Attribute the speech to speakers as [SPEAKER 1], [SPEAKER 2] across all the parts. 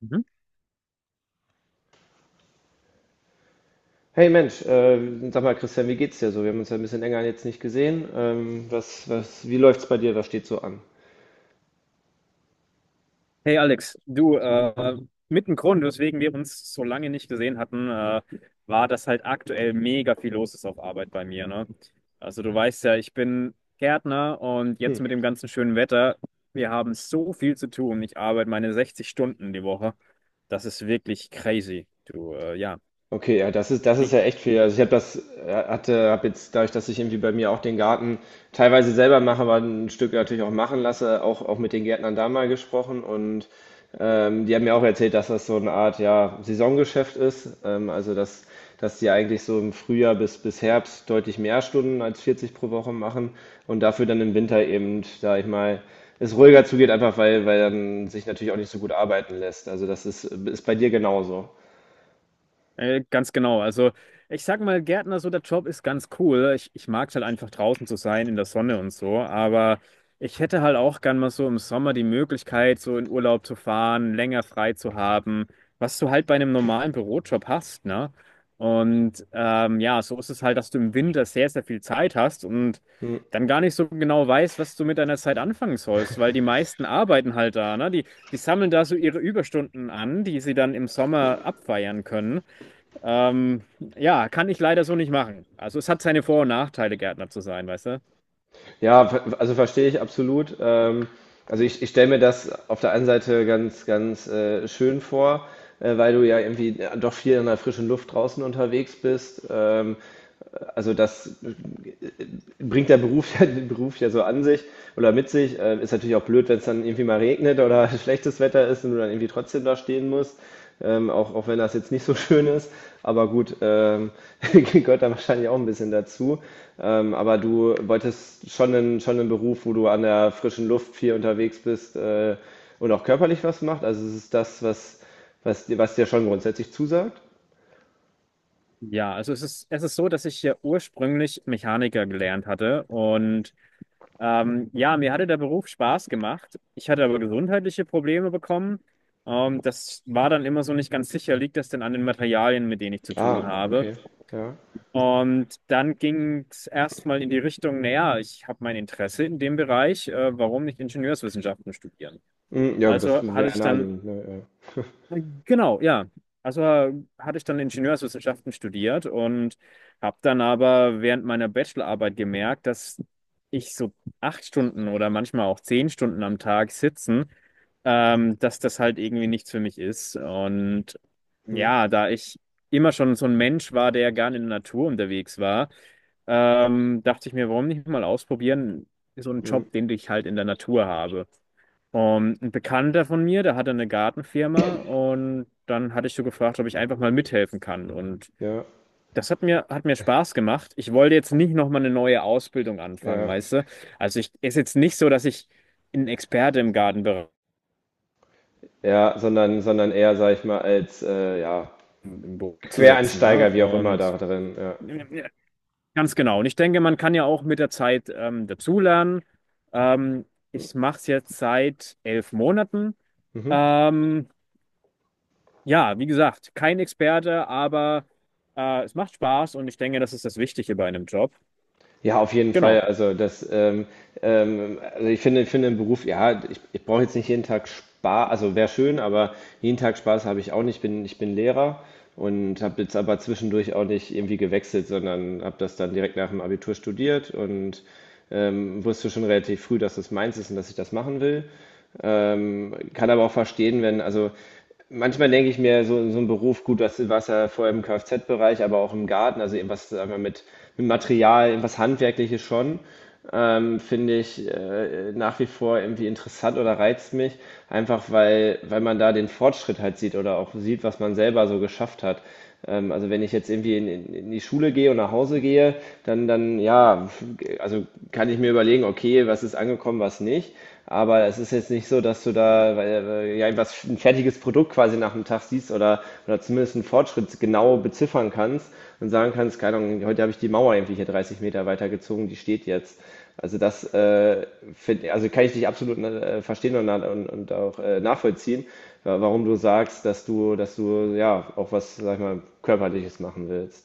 [SPEAKER 1] Mhm.
[SPEAKER 2] Hey Mensch, sag mal Christian, wie geht's dir so? Wir haben uns ja ein bisschen länger jetzt nicht gesehen. Wie läuft's bei dir? Was steht so an?
[SPEAKER 1] Hey Alex, du, mit dem Grund, weswegen wir uns so lange nicht gesehen hatten, war, dass halt aktuell mega viel los ist auf Arbeit bei mir, ne? Also du weißt ja, ich bin Gärtner und jetzt mit
[SPEAKER 2] Hm.
[SPEAKER 1] dem ganzen schönen Wetter, wir haben so viel zu tun. Ich arbeite meine 60 Stunden die Woche. Das ist wirklich crazy. Du, ja.
[SPEAKER 2] Okay, ja, das ist
[SPEAKER 1] Wie,
[SPEAKER 2] ja echt viel. Also ich habe jetzt dadurch, dass ich irgendwie bei mir auch den Garten teilweise selber mache, aber ein Stück natürlich auch machen lasse, auch, auch mit den Gärtnern da mal gesprochen und die haben mir auch erzählt, dass das so eine Art, ja, Saisongeschäft ist. Also dass die eigentlich so im Frühjahr bis Herbst deutlich mehr Stunden als 40 pro Woche machen und dafür dann im Winter eben, sag ich mal, es ruhiger zugeht, einfach weil dann sich natürlich auch nicht so gut arbeiten lässt. Also das ist, ist bei dir genauso.
[SPEAKER 1] Ganz genau. Also ich sag mal, Gärtner, so der Job ist ganz cool. Ich mag es halt einfach draußen zu sein, in der Sonne und so. Aber ich hätte halt auch gern mal so im Sommer die Möglichkeit, so in Urlaub zu fahren, länger frei zu haben, was du halt bei einem normalen Bürojob hast, ne? Und ja, so ist es halt, dass du im Winter sehr, sehr viel Zeit hast und dann gar nicht so genau weißt, was du mit deiner Zeit anfangen sollst, weil die meisten arbeiten halt da, ne? Die sammeln da so ihre Überstunden an, die sie dann im Sommer abfeiern können. Ähm, ja, kann ich leider so nicht machen. Also es hat seine Vor- und Nachteile, Gärtner zu sein, weißt du?
[SPEAKER 2] Also verstehe ich absolut. Ich stelle mir das auf der einen Seite ganz, ganz schön vor, weil du ja irgendwie doch viel in der frischen Luft draußen unterwegs bist. Also das bringt der Beruf, der Beruf ja so an sich oder mit sich. Ist natürlich auch blöd, wenn es dann irgendwie mal regnet oder schlechtes Wetter ist und du dann irgendwie trotzdem da stehen musst. Auch, auch wenn das jetzt nicht so schön ist. Aber gut, gehört da wahrscheinlich auch ein bisschen dazu. Aber du wolltest schon einen Beruf, wo du an der frischen Luft viel unterwegs bist und auch körperlich was macht. Also es ist das, was, was dir schon grundsätzlich zusagt.
[SPEAKER 1] Ja, also es ist so, dass ich ja ursprünglich Mechaniker gelernt hatte und ja, mir hatte der Beruf Spaß gemacht. Ich hatte aber gesundheitliche Probleme bekommen. Das war dann immer so nicht ganz sicher, liegt das denn an den Materialien, mit denen ich zu tun
[SPEAKER 2] Ah,
[SPEAKER 1] habe?
[SPEAKER 2] okay. Ja.
[SPEAKER 1] Und dann ging es erstmal in die Richtung, naja, ich habe mein Interesse in dem Bereich, warum nicht Ingenieurswissenschaften studieren?
[SPEAKER 2] Hm, ja, gut, das
[SPEAKER 1] Also hatte
[SPEAKER 2] wäre
[SPEAKER 1] ich dann
[SPEAKER 2] naheliegend. Ne? Ja.
[SPEAKER 1] Genau, ja. Also äh, hatte ich dann Ingenieurswissenschaften studiert und habe dann aber während meiner Bachelorarbeit gemerkt, dass ich so 8 Stunden oder manchmal auch 10 Stunden am Tag sitzen, dass das halt irgendwie nichts für mich ist. Und
[SPEAKER 2] Hm,
[SPEAKER 1] ja, da ich immer schon so ein Mensch war, der gerne in der Natur unterwegs war, dachte ich mir, warum nicht mal ausprobieren, so einen
[SPEAKER 2] hm.
[SPEAKER 1] Job, den ich halt in der Natur habe. Und ein Bekannter von mir, der hatte eine Gartenfirma und dann hatte ich so gefragt, ob ich einfach mal mithelfen kann. Und
[SPEAKER 2] Ja,
[SPEAKER 1] das hat mir Spaß gemacht. Ich wollte jetzt nicht nochmal eine neue Ausbildung anfangen,
[SPEAKER 2] ja,
[SPEAKER 1] weißt du? Also ich ist jetzt nicht so, dass ich ein Experte im Gartenbereich
[SPEAKER 2] ja, sondern eher, sag ich mal, als ja,
[SPEAKER 1] im Büro zu setzen, ne?
[SPEAKER 2] Quereinsteiger, wie auch immer,
[SPEAKER 1] Und
[SPEAKER 2] da drin. Ja.
[SPEAKER 1] ganz genau. Und ich denke, man kann ja auch mit der Zeit dazulernen. Ähm, ich mache es jetzt seit 11 Monaten.
[SPEAKER 2] Mhm.
[SPEAKER 1] Ähm, Ja, wie gesagt, kein Experte, aber es macht Spaß und ich denke, das ist das Wichtige bei einem Job.
[SPEAKER 2] Ja, auf jeden Fall.
[SPEAKER 1] Genau.
[SPEAKER 2] Also das, ich finde den Beruf, ja, ich brauche jetzt nicht jeden Tag Spaß, also wäre schön, aber jeden Tag Spaß habe ich auch nicht. Ich bin Lehrer und habe jetzt aber zwischendurch auch nicht irgendwie gewechselt, sondern habe das dann direkt nach dem Abitur studiert und wusste schon relativ früh, dass das meins ist und dass ich das machen will. Kann aber auch verstehen, wenn, also manchmal denke ich mir, so, so ein Beruf, gut, das war es ja vorher im Kfz-Bereich, aber auch im Garten, also irgendwas, sagen wir, mit Material, irgendwas Handwerkliches schon finde ich nach wie vor irgendwie interessant oder reizt mich, einfach weil man da den Fortschritt halt sieht oder auch sieht, was man selber so geschafft hat. Also wenn ich jetzt irgendwie in die Schule gehe und nach Hause gehe, dann, dann ja, also kann ich mir überlegen, okay, was ist angekommen, was nicht. Aber es ist jetzt nicht so, dass du da, weil, ja, ein, was ein fertiges Produkt quasi nach dem Tag siehst oder zumindest einen Fortschritt genau beziffern kannst und sagen kannst, keine Ahnung, heute habe ich die Mauer irgendwie hier 30 Meter weitergezogen, die steht jetzt. Also das also kann ich dich absolut verstehen und, und auch nachvollziehen, warum du sagst, dass du ja auch was, sag ich mal, Körperliches machen willst.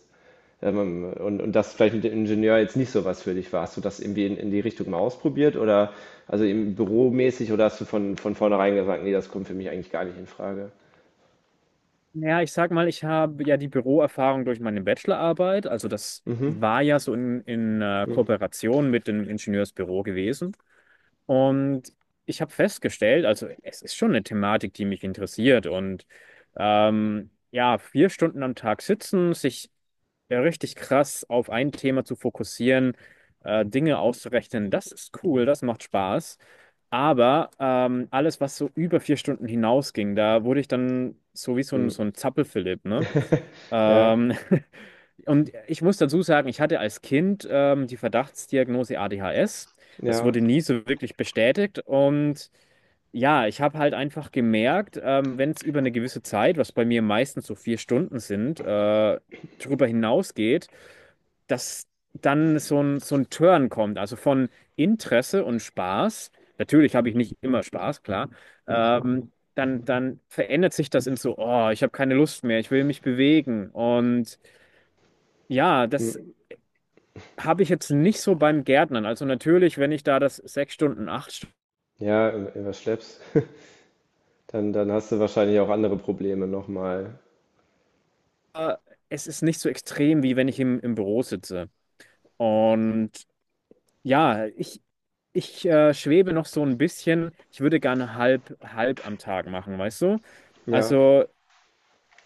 [SPEAKER 2] Und das vielleicht mit dem Ingenieur jetzt nicht so was für dich war. Hast du das irgendwie in die Richtung mal ausprobiert oder also im Büromäßig oder hast du von vornherein gesagt, nee, das kommt für mich eigentlich gar nicht in Frage?
[SPEAKER 1] Ja, ich sag mal, ich habe ja die Büroerfahrung durch meine Bachelorarbeit. Also das war ja so in Kooperation mit dem Ingenieursbüro gewesen. Und ich habe festgestellt, also es ist schon eine Thematik, die mich interessiert. Und ja, 4 Stunden am Tag sitzen, sich ja, richtig krass auf ein Thema zu fokussieren, Dinge auszurechnen, das ist cool, das macht Spaß. Aber alles, was so über 4 Stunden hinausging, da wurde ich dann so wie so ein, so
[SPEAKER 2] Hm.
[SPEAKER 1] ein Zappelphilipp, ne?
[SPEAKER 2] Ja,
[SPEAKER 1] Ähm, und ich muss dazu sagen, ich hatte als Kind die Verdachtsdiagnose ADHS. Das
[SPEAKER 2] ja,
[SPEAKER 1] wurde nie so wirklich bestätigt. Und ja, ich habe halt einfach gemerkt, wenn es über eine gewisse Zeit, was bei mir meistens so 4 Stunden sind, darüber hinausgeht, dass dann so ein Turn kommt. Also von Interesse und Spaß. Natürlich habe ich nicht immer Spaß, klar. Dann, dann verändert sich das in so, oh, ich habe keine Lust mehr, ich will mich bewegen. Und ja, das
[SPEAKER 2] hm.
[SPEAKER 1] habe ich jetzt nicht so beim Gärtnern. Also natürlich, wenn ich da das 6 Stunden, 8 Stunden,
[SPEAKER 2] Ja, was schleppst, dann, dann hast du wahrscheinlich auch andere Probleme nochmal.
[SPEAKER 1] es ist nicht so extrem, wie wenn ich im Büro sitze. Und ja, ich, ich schwebe noch so ein bisschen. Ich würde gerne halb, halb am Tag machen, weißt du?
[SPEAKER 2] Ja,
[SPEAKER 1] Also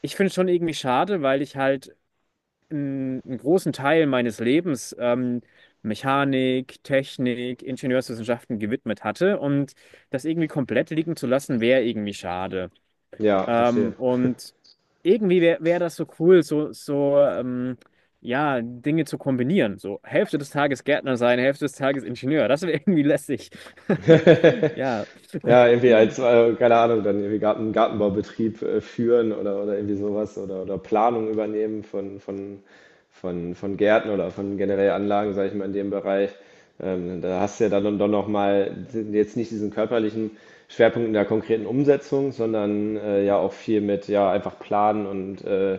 [SPEAKER 1] ich finde es schon irgendwie schade, weil ich halt einen großen Teil meines Lebens Mechanik, Technik, Ingenieurswissenschaften gewidmet hatte und das irgendwie komplett liegen zu lassen, wäre irgendwie schade.
[SPEAKER 2] ja, verstehe.
[SPEAKER 1] Und irgendwie wäre wär wär das so cool, so, so ja, Dinge zu kombinieren. So Hälfte des Tages Gärtner sein, Hälfte des Tages Ingenieur. Das wäre irgendwie lässig. Ja,
[SPEAKER 2] Ja, irgendwie als, keine Ahnung, dann irgendwie Garten, Gartenbaubetrieb führen oder irgendwie sowas oder Planung übernehmen von Gärten oder von generell Anlagen, sage ich mal, in dem Bereich. Da hast du ja dann doch nochmal jetzt nicht diesen körperlichen Schwerpunkt in der konkreten Umsetzung, sondern ja auch viel mit ja einfach planen und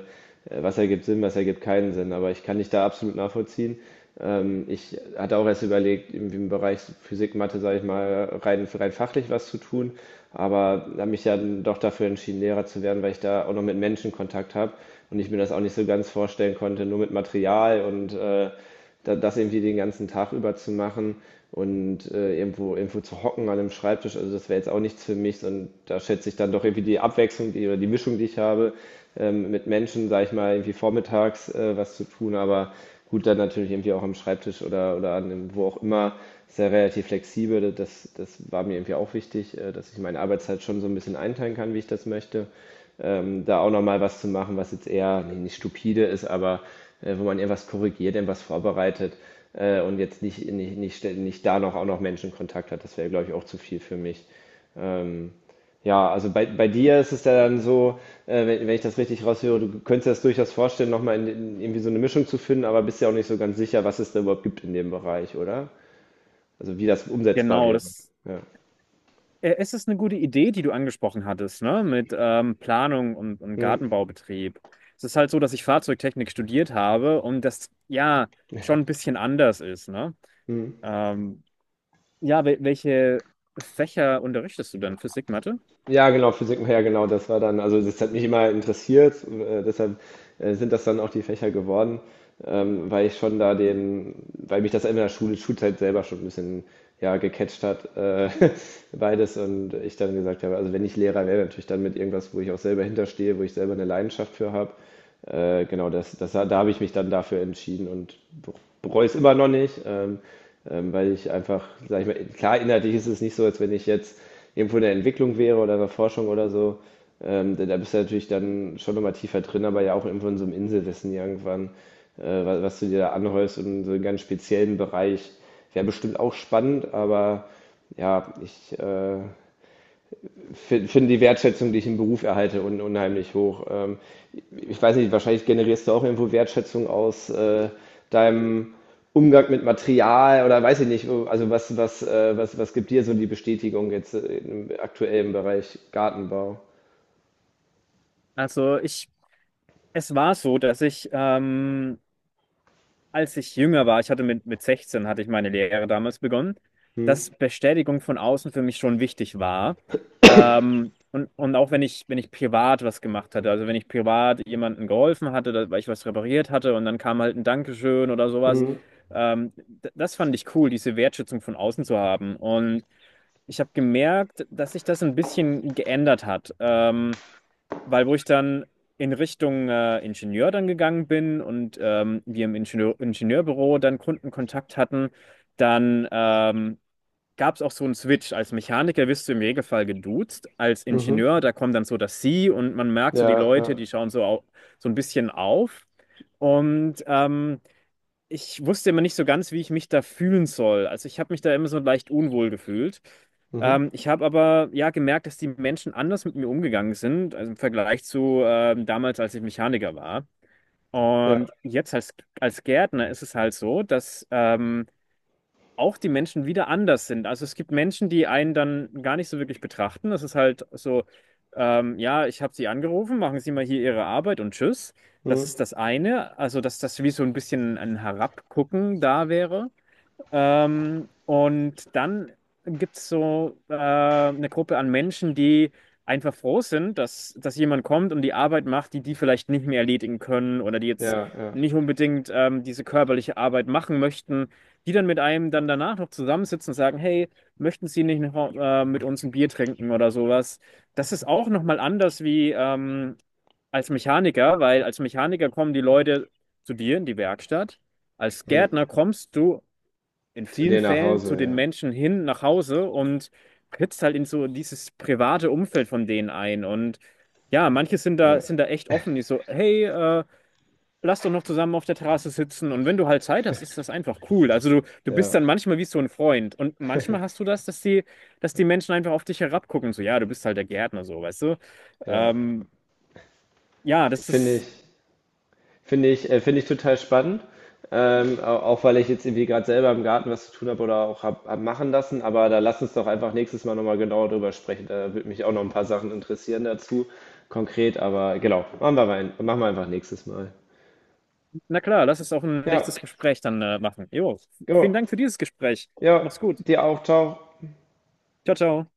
[SPEAKER 2] was ergibt Sinn, was ergibt keinen Sinn. Aber ich kann dich da absolut nachvollziehen. Ich hatte auch erst überlegt, irgendwie im Bereich Physik, Mathe, sage ich mal, rein fachlich was zu tun, aber habe mich ja dann doch dafür entschieden, Lehrer zu werden, weil ich da auch noch mit Menschen Kontakt habe und ich mir das auch nicht so ganz vorstellen konnte, nur mit Material und das irgendwie den ganzen Tag über zu machen und irgendwo zu hocken an einem Schreibtisch, also das wäre jetzt auch nichts für mich und da schätze ich dann doch irgendwie die Abwechslung die, oder die Mischung, die ich habe mit Menschen, sage ich mal, irgendwie vormittags was zu tun, aber gut, dann natürlich irgendwie auch am Schreibtisch oder an dem, wo auch immer, ist ja relativ flexibel, das, das war mir irgendwie auch wichtig, dass ich meine Arbeitszeit schon so ein bisschen einteilen kann, wie ich das möchte da auch nochmal was zu machen, was jetzt eher nee, nicht stupide ist, aber wo man eher was korrigiert, eher was vorbereitet und jetzt nicht da noch auch noch Menschenkontakt hat. Das wäre, glaube ich, auch zu viel für mich. Ähm, ja, also bei dir ist es ja dann so, wenn ich das richtig raushöre, du könntest dir das durchaus vorstellen, nochmal in irgendwie so eine Mischung zu finden, aber bist ja auch nicht so ganz sicher, was es da überhaupt gibt in dem Bereich, oder? Also wie das umsetzbar
[SPEAKER 1] genau.
[SPEAKER 2] wäre.
[SPEAKER 1] Das,
[SPEAKER 2] Ja.
[SPEAKER 1] es ist eine gute Idee, die du angesprochen hattest, ne? Mit Planung und
[SPEAKER 2] Hm,
[SPEAKER 1] Gartenbaubetrieb. Es ist halt so, dass ich Fahrzeugtechnik studiert habe und das ja schon ein bisschen anders ist, ne?
[SPEAKER 2] hm.
[SPEAKER 1] Ähm, ja, welche Fächer unterrichtest du denn? Physik, Mathe?
[SPEAKER 2] Ja, genau, Physik, ja, genau, das war dann, also das hat mich immer interessiert, deshalb sind das dann auch die Fächer geworden, weil ich schon da den, weil mich das in der Schulzeit selber schon ein bisschen, ja, gecatcht hat, beides und ich dann gesagt habe, also wenn ich Lehrer wäre, natürlich dann mit irgendwas, wo ich auch selber hinterstehe, wo ich selber eine Leidenschaft für habe genau, das, das, da habe ich mich dann dafür entschieden und bereue es immer noch nicht, weil ich einfach, sag ich mal, klar, inhaltlich ist es nicht so, als wenn ich jetzt irgendwo in der Entwicklung wäre oder in der Forschung oder so. Da, da bist du natürlich dann schon nochmal tiefer drin, aber ja auch irgendwo in so einem Inselwissen irgendwann, was du dir da anhäufst und so einen ganz speziellen Bereich. Wäre bestimmt auch spannend, aber ja, ich finde die Wertschätzung, die ich im Beruf erhalte, un unheimlich hoch. Ich weiß nicht, wahrscheinlich generierst du auch irgendwo Wertschätzung aus deinem Umgang mit Material oder weiß ich nicht, also was gibt dir so die Bestätigung jetzt im aktuellen Bereich Gartenbau?
[SPEAKER 1] Also ich es war so, dass ich, als ich jünger war, ich hatte mit 16, hatte ich meine Lehre damals begonnen,
[SPEAKER 2] Hm?
[SPEAKER 1] dass Bestätigung von außen für mich schon wichtig war. Und auch wenn ich, wenn ich privat was gemacht hatte, also wenn ich privat jemandem geholfen hatte, weil ich was repariert hatte und dann kam halt ein Dankeschön oder sowas,
[SPEAKER 2] Mhm.
[SPEAKER 1] das fand ich cool, diese Wertschätzung von außen zu haben. Und ich habe gemerkt, dass sich das ein bisschen geändert hat. Weil wo ich dann in Richtung Ingenieur dann gegangen bin und wir im Ingenieurbüro dann Kundenkontakt hatten, dann gab es auch so einen Switch. Als Mechaniker wirst du im Regelfall geduzt, als
[SPEAKER 2] Mhm.
[SPEAKER 1] Ingenieur, da kommt dann so das Sie und man merkt so die
[SPEAKER 2] Ja, ja.
[SPEAKER 1] Leute, die schauen so, au so ein bisschen auf. Und ich wusste immer nicht so ganz, wie ich mich da fühlen soll. Also ich habe mich da immer so leicht unwohl gefühlt.
[SPEAKER 2] Mhm.
[SPEAKER 1] Ich habe aber ja gemerkt, dass die Menschen anders mit mir umgegangen sind, also im Vergleich zu damals, als ich Mechaniker war.
[SPEAKER 2] Ja.
[SPEAKER 1] Und jetzt als, als Gärtner ist es halt so, dass auch die Menschen wieder anders sind. Also es gibt Menschen, die einen dann gar nicht so wirklich betrachten. Das ist halt so, ja, ich habe Sie angerufen, machen Sie mal hier Ihre Arbeit und tschüss. Das
[SPEAKER 2] Mhm.
[SPEAKER 1] ist das eine. Also, dass das wie so ein bisschen ein Herabgucken da wäre. Und dann gibt es so eine Gruppe an Menschen, die einfach froh sind, dass jemand kommt und die Arbeit macht, die die vielleicht nicht mehr erledigen können oder die jetzt
[SPEAKER 2] Ja, ja.
[SPEAKER 1] nicht unbedingt diese körperliche Arbeit machen möchten, die dann mit einem dann danach noch zusammensitzen und sagen, hey, möchten Sie nicht noch mit uns ein Bier trinken oder sowas? Das ist auch nochmal anders wie als Mechaniker, weil als Mechaniker kommen die Leute zu dir in die Werkstatt. Als
[SPEAKER 2] Mhm.
[SPEAKER 1] Gärtner kommst du in
[SPEAKER 2] Zu
[SPEAKER 1] vielen
[SPEAKER 2] dir nach
[SPEAKER 1] Fällen zu den
[SPEAKER 2] Hause,
[SPEAKER 1] Menschen hin nach Hause und trittst halt in so dieses private Umfeld von denen ein. Und ja, manche sind
[SPEAKER 2] ja. Ja,
[SPEAKER 1] sind da echt offen, die so, hey, lass doch noch zusammen auf der Terrasse sitzen. Und wenn du halt Zeit hast, ist das einfach cool. Also du bist
[SPEAKER 2] ja,
[SPEAKER 1] dann manchmal wie so ein Freund. Und manchmal hast du das, dass die Menschen einfach auf dich herabgucken. So, ja, du bist halt der Gärtner, so, weißt du?
[SPEAKER 2] ja.
[SPEAKER 1] Ähm, ja, das
[SPEAKER 2] Finde
[SPEAKER 1] ist,
[SPEAKER 2] ich. Finde ich total spannend. Auch weil ich jetzt irgendwie gerade selber im Garten was zu tun habe oder auch hab machen lassen. Aber da lass uns doch einfach nächstes Mal nochmal genauer drüber sprechen. Da würde mich auch noch ein paar Sachen interessieren dazu, konkret. Aber genau, machen wir einfach nächstes Mal.
[SPEAKER 1] na klar, lass es auch ein
[SPEAKER 2] Ja,
[SPEAKER 1] nächstes Gespräch dann machen. Jo, vielen
[SPEAKER 2] genau.
[SPEAKER 1] Dank für dieses Gespräch.
[SPEAKER 2] Ja,
[SPEAKER 1] Mach's gut.
[SPEAKER 2] dir auch. Ciao.
[SPEAKER 1] Ciao, ciao.